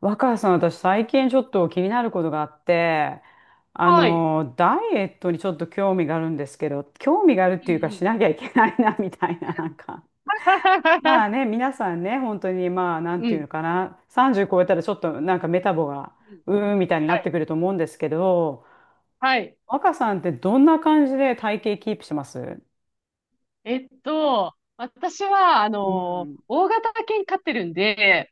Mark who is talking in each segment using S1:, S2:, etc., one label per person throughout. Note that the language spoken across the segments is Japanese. S1: 若狭さん、私最近ちょっと気になることがあって、
S2: はい。
S1: ダイエットにちょっと興味があるんですけど、興味があるっ
S2: うん
S1: て
S2: う
S1: いうかし
S2: ん。
S1: なきゃいけないな、みたいな、なんか。まあ ね、皆さんね、本当にまあ、なん
S2: う
S1: ていう
S2: ん。
S1: のかな、30超えたらちょっとなんかメタボが、
S2: うん
S1: うーんみたいにな
S2: は
S1: って
S2: い。
S1: くると思うんですけど、
S2: はい。
S1: 若さんってどんな感じで体型キープしてます？
S2: 私は、
S1: うん。
S2: 大型犬飼ってるんで、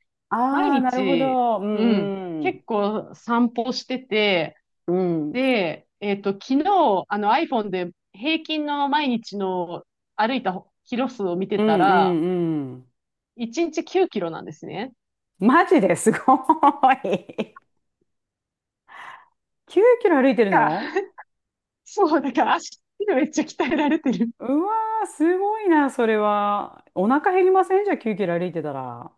S2: 毎
S1: ああ、なるほ
S2: 日、
S1: ど。う
S2: うん、
S1: んうん。
S2: 結構散歩してて、
S1: うん。
S2: で、昨日、あの iPhone で平均の毎日の歩いたキロ数を見て
S1: う
S2: た
S1: んう
S2: ら、
S1: んうん。
S2: 1日9キロなんですね。
S1: マジですごい。9キロ歩いてる
S2: か、
S1: の？
S2: そう、だから足めっちゃ鍛えられてる。
S1: うわー、すごいな、それは。お腹減りません？じゃあ9キロ歩いてたら。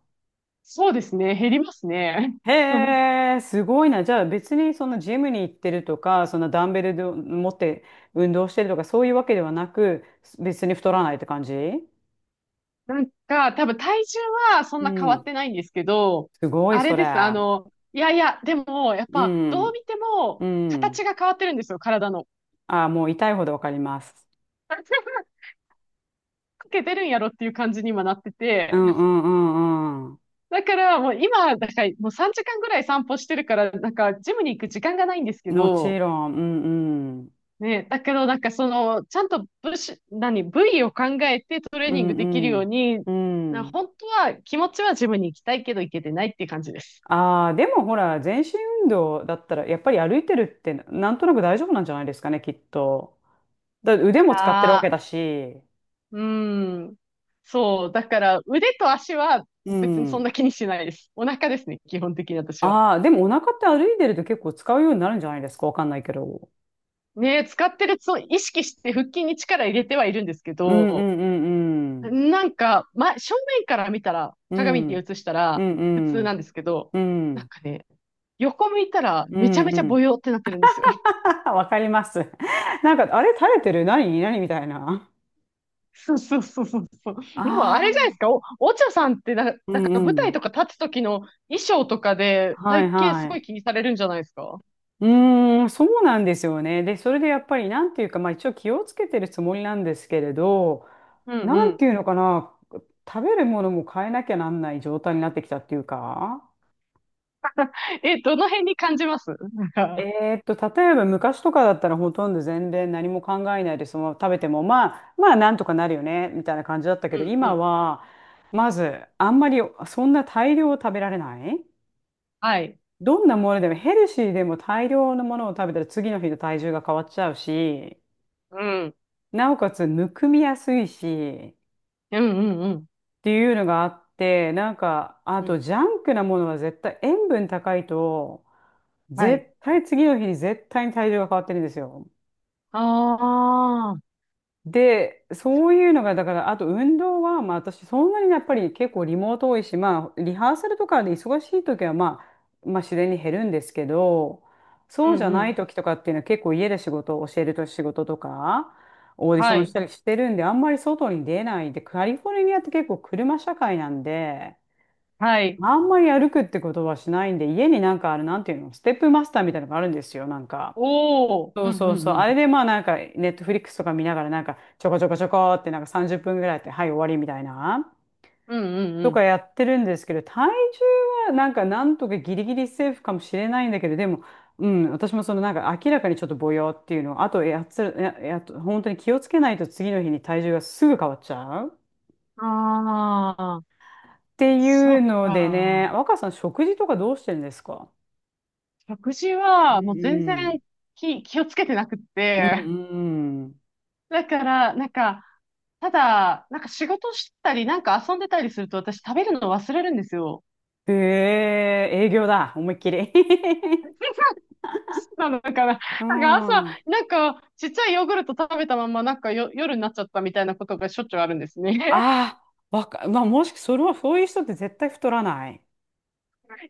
S2: そうですね、減りますね。
S1: へえ、すごいな。じゃあ別にそのジムに行ってるとか、そんなダンベルで持って運動してるとか、そういうわけではなく、別に太らないって感じ？
S2: なんか、多分体重はそん
S1: う
S2: な変わっ
S1: ん。
S2: てないんですけど、
S1: すごい、
S2: あれ
S1: それ。
S2: です。あの、いやいや、でも、やっ
S1: う
S2: ぱ、どう
S1: ん。
S2: 見ても、
S1: う
S2: 形
S1: ん。
S2: が変わってるんですよ、体の。
S1: ああ、もう痛いほどわかります。
S2: かけてるんやろっていう感じに今なって
S1: う
S2: て。
S1: んうんうんうん。
S2: だから、もう今、だからもう3時間ぐらい散歩してるから、なんか、ジムに行く時間がないんですけ
S1: も
S2: ど、
S1: ちろん。うんうん。
S2: ね、だけど、なんかその、ちゃんと部首、何、部位を考えてトレー
S1: う
S2: ニングできる
S1: んう
S2: よ
S1: ん。
S2: うに、
S1: う
S2: な
S1: ん。
S2: 本当は、気持ちはジムに行きたいけど行けてないっていう感じです。
S1: ああ、でもほら、全身運動だったら、やっぱり歩いてるって、なんとなく大丈夫なんじゃないですかね、きっと。だって腕も使ってるわけ
S2: ああ。
S1: だし。
S2: うん。そう。だから、腕と足は
S1: う
S2: 別にそん
S1: ん。
S2: な気にしないです。お腹ですね、基本的に私は。
S1: ああ、でもお腹って歩いてると結構使うようになるんじゃないですか、わかんないけど。
S2: ねえ、使ってるそう意識して腹筋に力入れてはいるんですけ
S1: うんう
S2: ど、
S1: んうんうん。
S2: なんか、ま、正面から見たら、
S1: う
S2: 鏡に
S1: ん
S2: 映した
S1: う
S2: ら
S1: ん
S2: 普
S1: う
S2: 通なん
S1: ん。
S2: ですけど、
S1: う
S2: なん
S1: ん
S2: かね、横向いたら
S1: う
S2: めちゃめちゃ
S1: ん。
S2: ボヨってなってるんですよ。
S1: わかります。なんか、あれ垂れてる何何みたいな。
S2: そうそうそうそうそう。でもあ
S1: あ
S2: れじゃないです
S1: あ。
S2: か、お茶さんってな、
S1: う
S2: なんか
S1: んう
S2: 舞台
S1: ん。
S2: とか立つ時の衣装とかで
S1: はい
S2: 体型す
S1: は
S2: ごい
S1: い。
S2: 気にされるんじゃないですか？
S1: うーん、そうなんですよね。で、それでやっぱり、なんていうか、まあ一応気をつけてるつもりなんですけれど、
S2: うん
S1: な
S2: う
S1: ん
S2: ん。
S1: ていうのかな、食べるものも変えなきゃなんない状態になってきたっていうか、
S2: え、どの辺に感じますなんか、
S1: えーっと、例えば昔とかだったらほとんど全然何も考えないでそのまま食べても、まあ、まあなんとかなるよね、みたいな感じだった
S2: う
S1: けど、
S2: んう
S1: 今
S2: ん。
S1: は、まず、あんまりそんな大量を食べられない。
S2: はい。
S1: どんなものでもヘルシーでも大量のものを食べたら次の日の体重が変わっちゃうし、
S2: うん。
S1: なおかつむくみやすいしっ
S2: うんうんうん。
S1: ていうのがあって、なんかあ
S2: うん。
S1: とジャンクなものは絶対塩分高いと
S2: はい。
S1: 絶対次の日に絶対に体重が変わってるんですよ。
S2: ああ。
S1: で、そういうのが、だから、あと運動は、まあ私、そんなにやっぱり結構リモート多いし、まあ、リハーサルとかで忙しい時は、まあ、まあ自然に減るんですけど、
S2: う
S1: そうじゃ
S2: んう
S1: ない
S2: ん。
S1: 時とかっていうのは結構家で仕事を教えると仕事とか、オーディショ
S2: は
S1: ンし
S2: い。
S1: たりしてるんで、あんまり外に出ないで、カリフォルニアって結構車社会なんで、
S2: はい。
S1: あんまり歩くってことはしないんで、家になんかある、なんていうの、ステップマスターみたいなのがあるんですよ、なんか。
S2: おお。
S1: そ
S2: う
S1: う
S2: んう
S1: そう
S2: ん
S1: そう。
S2: う
S1: あれ
S2: ん。
S1: でまあなんか、ネットフリックスとか見ながらなんか、ちょこちょこちょこってなんか30分ぐらいやって、はい、終わりみたいな、
S2: うんう
S1: と
S2: ん
S1: かやってるんですけど、体重はなんかなんとかギリギリセーフかもしれないんだけど、でも、うん、私もそのなんか明らかにちょっとぼよっていうの、あとやつ、や、や、本当に気をつけないと次の日に体重がすぐ変わっちゃうっ
S2: うん。ああ。
S1: て
S2: そ
S1: いう
S2: っ
S1: のでね、
S2: か。
S1: 若さん食事とかどうしてるんですか？
S2: 食事
S1: う
S2: はもう全然
S1: ん
S2: 気をつけてなくっ
S1: うん。
S2: て。
S1: うんうん。
S2: だから、なんか、ただ、なんか仕事したり、なんか遊んでたりすると私食べるの忘れるんですよ。
S1: へえ、営業だ、思いっきり。
S2: なのかな。
S1: う
S2: なんか朝、
S1: ん。あ
S2: なんかちっちゃいヨーグルト食べたまま、なんかよ、夜になっちゃったみたいなことがしょっちゅうあるんですね。
S1: あ、まあ、もし、それは、そういう人って絶対太らない。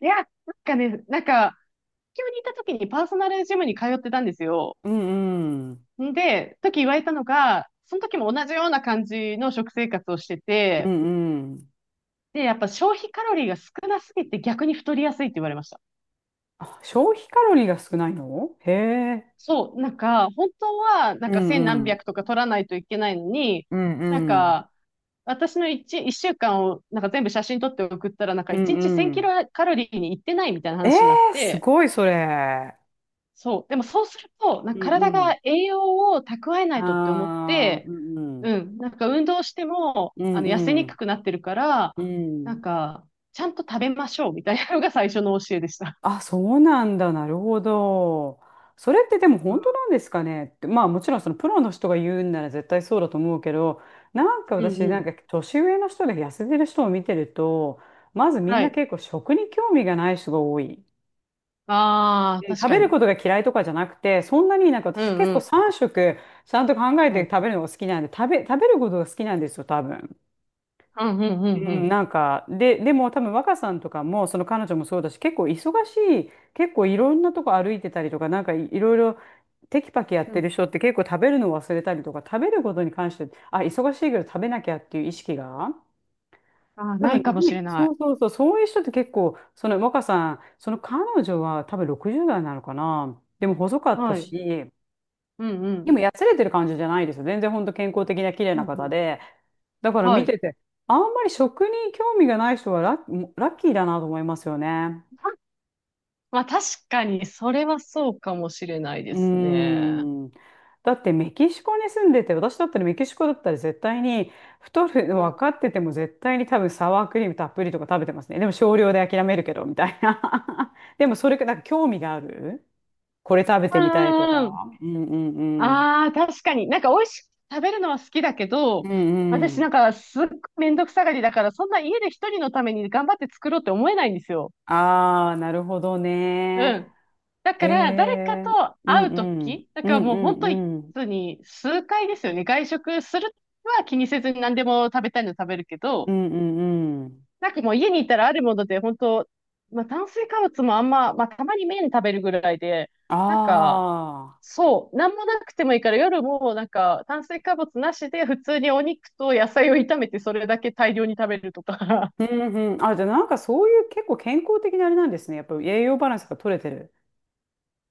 S2: いや、なんかね、なんか、東京にいた時にパーソナルジムに通ってたんですよ。
S1: うんうん。
S2: んで、時言われたのが、その時も同じような感じの食生活をして
S1: う
S2: て、
S1: んうん。
S2: で、やっぱ消費カロリーが少なすぎて逆に太りやすいって言われました。
S1: あ、消費カロリーが少ないの？へえ。
S2: そう、なんか、本当は、なん
S1: う
S2: か千
S1: んう
S2: 何
S1: ん。
S2: 百とか取らないといけないのに、
S1: うん
S2: なん
S1: うん。
S2: か、私の一週間をなんか全部写真撮って送ったら、なんか
S1: う
S2: 一
S1: ん
S2: 日
S1: う
S2: 1000キ
S1: ん。
S2: ロカロリーに行ってないみたいな
S1: ええ
S2: 話になっ
S1: ー、す
S2: て、
S1: ごい、それ。
S2: そう。でもそうすると、なん
S1: う
S2: か
S1: んう
S2: 体
S1: ん。
S2: が栄養を蓄えないとって思っ
S1: ああ、う
S2: て、
S1: んうん。
S2: うん。なんか運動しても、
S1: うん
S2: あの、痩せ
S1: う
S2: に
S1: ん。
S2: くくなってるから、
S1: う
S2: な
S1: ん。
S2: んか、ちゃんと食べましょうみたいなのが最初の教えでした。
S1: あ、そうなんだ。なるほど。それってでも
S2: う
S1: 本当
S2: ん
S1: なんですかねって、まあもちろんそのプロの人が言うんなら絶対そうだと思うけど、なんか
S2: うん
S1: 私
S2: う
S1: なんか
S2: ん。
S1: 年上の人で痩せてる人を見てると、まずみん
S2: は
S1: な
S2: い。
S1: 結構食に興味がない人が多い。う
S2: ああ、
S1: ん、
S2: 確
S1: 食
S2: か
S1: べる
S2: に。
S1: ことが嫌いとかじゃなくて、そんなになんか
S2: う
S1: 私
S2: ん
S1: 結
S2: う
S1: 構
S2: ん。
S1: 3食ちゃんと考え
S2: う
S1: て
S2: ん。
S1: 食べるのが好きなんで、食べることが好きなんですよ、多分。
S2: うんうんう
S1: う
S2: んう
S1: ん、
S2: ん。
S1: なんか、で、でも多分若さんとかも、その彼女もそうだし、結構忙しい、結構いろんなとこ歩いてたりとか、いろいろテキパキやっ
S2: う
S1: てる
S2: ん。
S1: 人って結構食べるの忘れたりとか、食べることに関して、あ、忙しいけど食べなきゃっていう意識が、
S2: ああ、
S1: 多
S2: な
S1: 分
S2: いかも
S1: な
S2: し
S1: い、
S2: れな
S1: そ
S2: い。
S1: うそうそう、そういう人って結構、その若さん、その彼女は多分60代なのかな。でも細かった
S2: はい。
S1: し、
S2: うんう
S1: でも、
S2: ん。
S1: やつれてる感じじゃないですよ。全然本当健康的な綺麗
S2: う
S1: な
S2: んう
S1: 方
S2: ん。
S1: で。だから
S2: は
S1: 見
S2: い。
S1: てて、あんまり食に興味がない人はラッキーだなと思いますよね。
S2: まあ確かに、それはそうかもしれない
S1: う
S2: で
S1: ー
S2: すね。
S1: ん。だってメキシコに住んでて、私だったらメキシコだったら絶対に太るの
S2: う
S1: 分
S2: ん。
S1: かってても絶対に多分サワークリームたっぷりとか食べてますね。でも少量で諦めるけど、みたいな。でもそれか、なんか興味があるこれ食べて
S2: う
S1: みたいと
S2: んうんうん。
S1: か。うんうんうん。
S2: ああ、確かに。なんか美味しく食べるのは好きだけ
S1: う
S2: ど、
S1: んう
S2: 私
S1: ん。
S2: なんかすっごいめんどくさがりだから、そんな家で一人のために頑張って作ろうって思えないんですよ。
S1: ああ、なるほど
S2: う
S1: ね。
S2: ん。だ
S1: へ
S2: から誰か
S1: え、
S2: と
S1: うん
S2: 会う
S1: う
S2: と
S1: ん、
S2: き、だ
S1: う
S2: から
S1: ん
S2: も
S1: う
S2: う本
S1: んうん、
S2: 当に数回ですよね。外食するは気にせずに何でも食べたいの食べるけ
S1: う
S2: ど、
S1: んうんうん。
S2: なんかもう家に行ったらあるもので、本当まあ炭水化物もあんま、まあたまに麺食べるぐらいで、なんか、
S1: あ
S2: そう、なんもなくてもいいから夜もなんか炭水化物なしで普通にお肉と野菜を炒めてそれだけ大量に食べるとか。
S1: あ、うんうん。あ、じゃあなんかそういう結構健康的なあれなんですね。やっぱり栄養バランスが取れてる。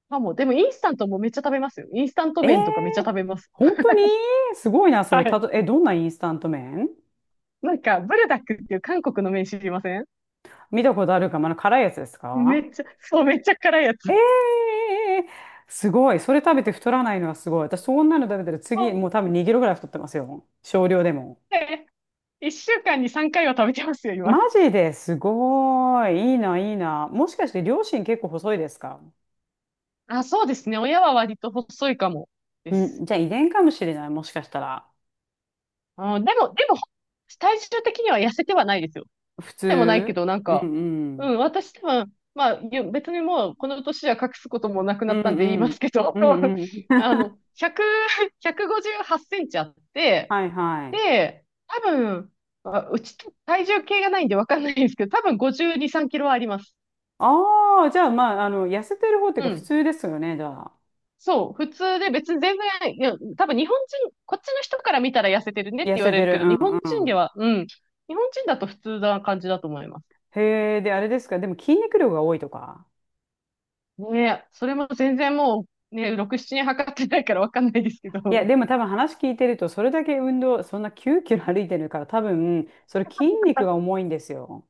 S2: まあ、もう、でもインスタントもめっちゃ食べますよ。インスタント
S1: え
S2: 麺とかめ
S1: え、
S2: っちゃ食べます。
S1: 本当にすごいな、そ
S2: は
S1: れ。た
S2: い。
S1: と、え、どんなインスタント麺？
S2: なんか、ブルダックっていう韓国の麺知りません？
S1: 見たことあるか、まだ辛いやつです
S2: め
S1: か？
S2: っちゃ、そう、めっちゃ辛いやつ。
S1: ええ、すごい。それ食べて太らないのはすごい。私そんなの食べたら
S2: そ
S1: 次、
S2: う
S1: もう多分2キロぐらい太ってますよ。少量でも。
S2: で一週間に3回は食べてますよ、今。
S1: マジですごい。いいな、いいな。もしかして両親結構細いですか？
S2: あ、そうですね。親は割と細いかもで
S1: う
S2: す。
S1: ん、じゃあ遺伝かもしれない、もしかしたら。
S2: あ、でも、体重的には痩せてはないですよ。
S1: 普
S2: でもないけ
S1: 通、
S2: ど、なん
S1: うん
S2: か、
S1: う
S2: う
S1: ん。
S2: ん、私多分、まあ、ゆ別にもうこの年は隠すこともなく
S1: う
S2: なっ
S1: んう
S2: たんで言います
S1: ん。
S2: けど、
S1: うん うん。
S2: あ の、100、158センチあって、
S1: はいはい。
S2: で、多分、あうち体重計がないんでわかんないんですけど、多分52、3キロはあります。
S1: ああ、じゃあまあ、あの、痩せてる方っていう
S2: う
S1: か普
S2: ん。
S1: 通ですよね、じゃあ。
S2: そう、普通で別に全然、いや、多分日本人、こっちの人から見たら痩せてるねって
S1: 痩
S2: 言わ
S1: せ
S2: れ
S1: て
S2: るけ
S1: る。
S2: ど、日
S1: う
S2: 本
S1: んう
S2: 人
S1: ん。
S2: では、うん、日本人だと普通な感じだと思います。
S1: へえ、で、あれですか、でも筋肉量が多いとか。
S2: ねえ、それも全然もう、ね、6、7年測ってないからわかんないですけ
S1: いや、
S2: ど、
S1: でも多分話聞いてると、それだけ運動、そんな9キロ歩いてるから、多分、それ筋肉が 重いんですよ。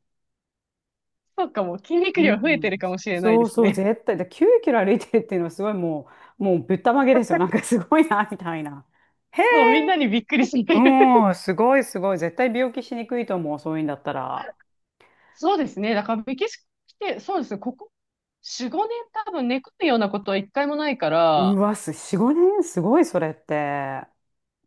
S2: そうかも、筋肉
S1: う
S2: 量
S1: ん、
S2: 増えてるかもしれない
S1: そ
S2: で
S1: う
S2: す
S1: そう、
S2: ね。
S1: 絶対。で、9キロ歩いてるっていうのはすごいもう、もうぶったまげですよ。なん かすごいな、みたいな。へ
S2: そう、みんな
S1: え、
S2: にびっくりする。
S1: うん、すごいすごい。絶対病気しにくいと思う、そういうんだったら。
S2: そうですね、だからメキシコ来て、そうですね、ここ4、5年多分寝込むようなことは一回もないか
S1: う
S2: ら、
S1: わ、す、4、5年すごい、それって。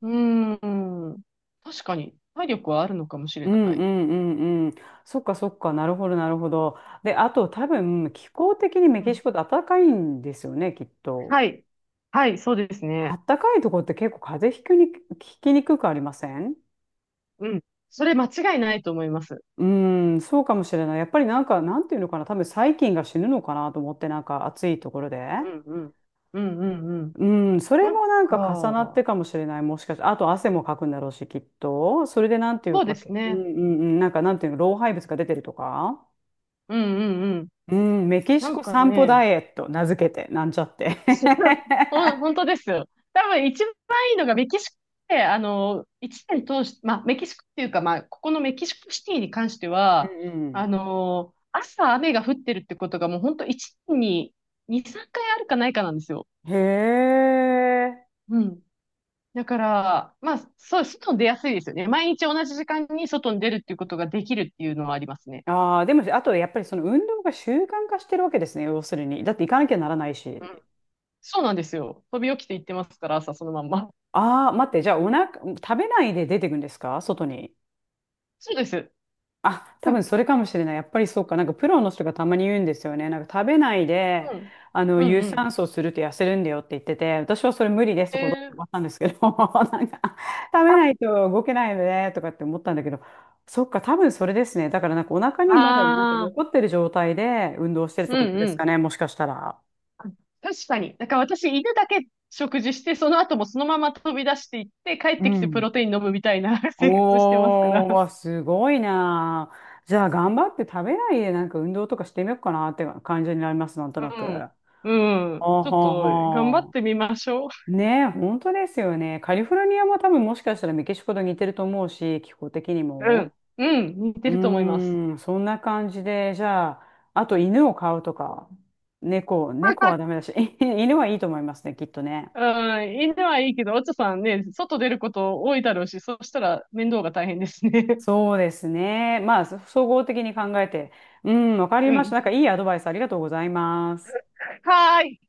S2: うーん、確かに体力はあるのかもしれ
S1: う
S2: な
S1: んう
S2: い。
S1: んうんうん。そっかそっか、なるほどなるほど。で、あと多分、気候的にメ
S2: う
S1: キシ
S2: ん。
S1: コって暖かいんですよね、きっと。
S2: はい。はい、そうですね。
S1: 暖かいとこって結構風邪ひきにくくありません？
S2: うん。それ間違いないと思います。
S1: うーん、そうかもしれない。やっぱりなんか、なんていうのかな、多分細菌が死ぬのかなと思って、なんか暑いところで。
S2: うん、うん。うん、うん、うん。
S1: うん、それ
S2: なん
S1: もなんか重なっ
S2: か、
S1: てかもしれない。もしかして、あと汗もかくんだろうし、きっと。それでなんていう
S2: そうで
S1: か、
S2: す
S1: うん
S2: ね。
S1: うんうん、なんかなんていうの、老廃物が出てるとか。
S2: うん、うん、うん。
S1: うん、メキシ
S2: な
S1: コ
S2: んか
S1: 散歩
S2: ね、
S1: ダイエット、名付けて、なんちゃって。
S2: す 本当ですよ。多分一番いいのがメキシコで、あの、一年通して、まあ、メキシコっていうか、まあ、ここのメキシコシティに関して
S1: う
S2: は、あ
S1: ん
S2: の、朝雨が降ってるってことがもう本当一年に2、3回あるかないかなんですよ。
S1: うん。へえ。
S2: うん。だから、まあ、そう、外に出やすいですよね。毎日同じ時間に外に出るっていうことができるっていうのはありますね。
S1: ああ、でも、あとやっぱりその運動が習慣化してるわけですね、要するに。だって行かなきゃならない
S2: う
S1: し。
S2: ん。そうなんですよ。飛び起きて行ってますから、朝そのまんま。
S1: ああ、待って、じゃあお腹、食べないで出てくんですか外に？
S2: そうです。
S1: あ、多
S2: う
S1: 分
S2: ん。
S1: それかもしれない。やっぱりそうか。なんかプロの人がたまに言うんですよね。なんか食べないで、
S2: うんうん
S1: 有
S2: うん。
S1: 酸素すると痩せるんだよって言ってて、私はそれ無理ですと断
S2: え
S1: ったんですけど、なんか、食べないと動けないよねとかって思ったんだけど、そっか、多分それですね。だからなんかお腹
S2: ー、
S1: にまだなんか
S2: ああ、
S1: 残ってる状態で運動してるっ
S2: う
S1: てこ
S2: ん
S1: とで
S2: う
S1: すか
S2: ん。
S1: ね。もしかしたら。
S2: 確かに。だから私、犬だけ食事して、その後もそのまま飛び出していって、帰っ
S1: う
S2: てきてプ
S1: ん。
S2: ロテイン飲むみたいな 生活してますか
S1: お
S2: ら。
S1: ー、わ、すごいなあ。じゃあ、頑張って食べないで、なんか運動とかしてみようかなって感じになります、なんと
S2: う
S1: なく。
S2: ん。うん。
S1: ほう
S2: ちょっ
S1: ほう
S2: と、頑張っ
S1: ほ
S2: てみましょう。
S1: う。ねえ、本当ですよね。カリフォルニアも多分もしかしたらメキシコと似てると思うし、気候的に
S2: う
S1: も。
S2: ん。うん。似て
S1: う
S2: ると思います。
S1: ーん、そんな感じで、じゃあ、あと犬を飼うとか、猫はダメだし、犬はいいと思いますね、きっとね。
S2: うん、犬はいいけど、お茶さんね、外出ること多いだろうし、そしたら面倒が大変ですね。
S1: そうですね。まあ、総合的に考えて。うん、わか り
S2: う
S1: ました。
S2: ん。
S1: なんかいいアドバイスありがとうございます。
S2: はーい。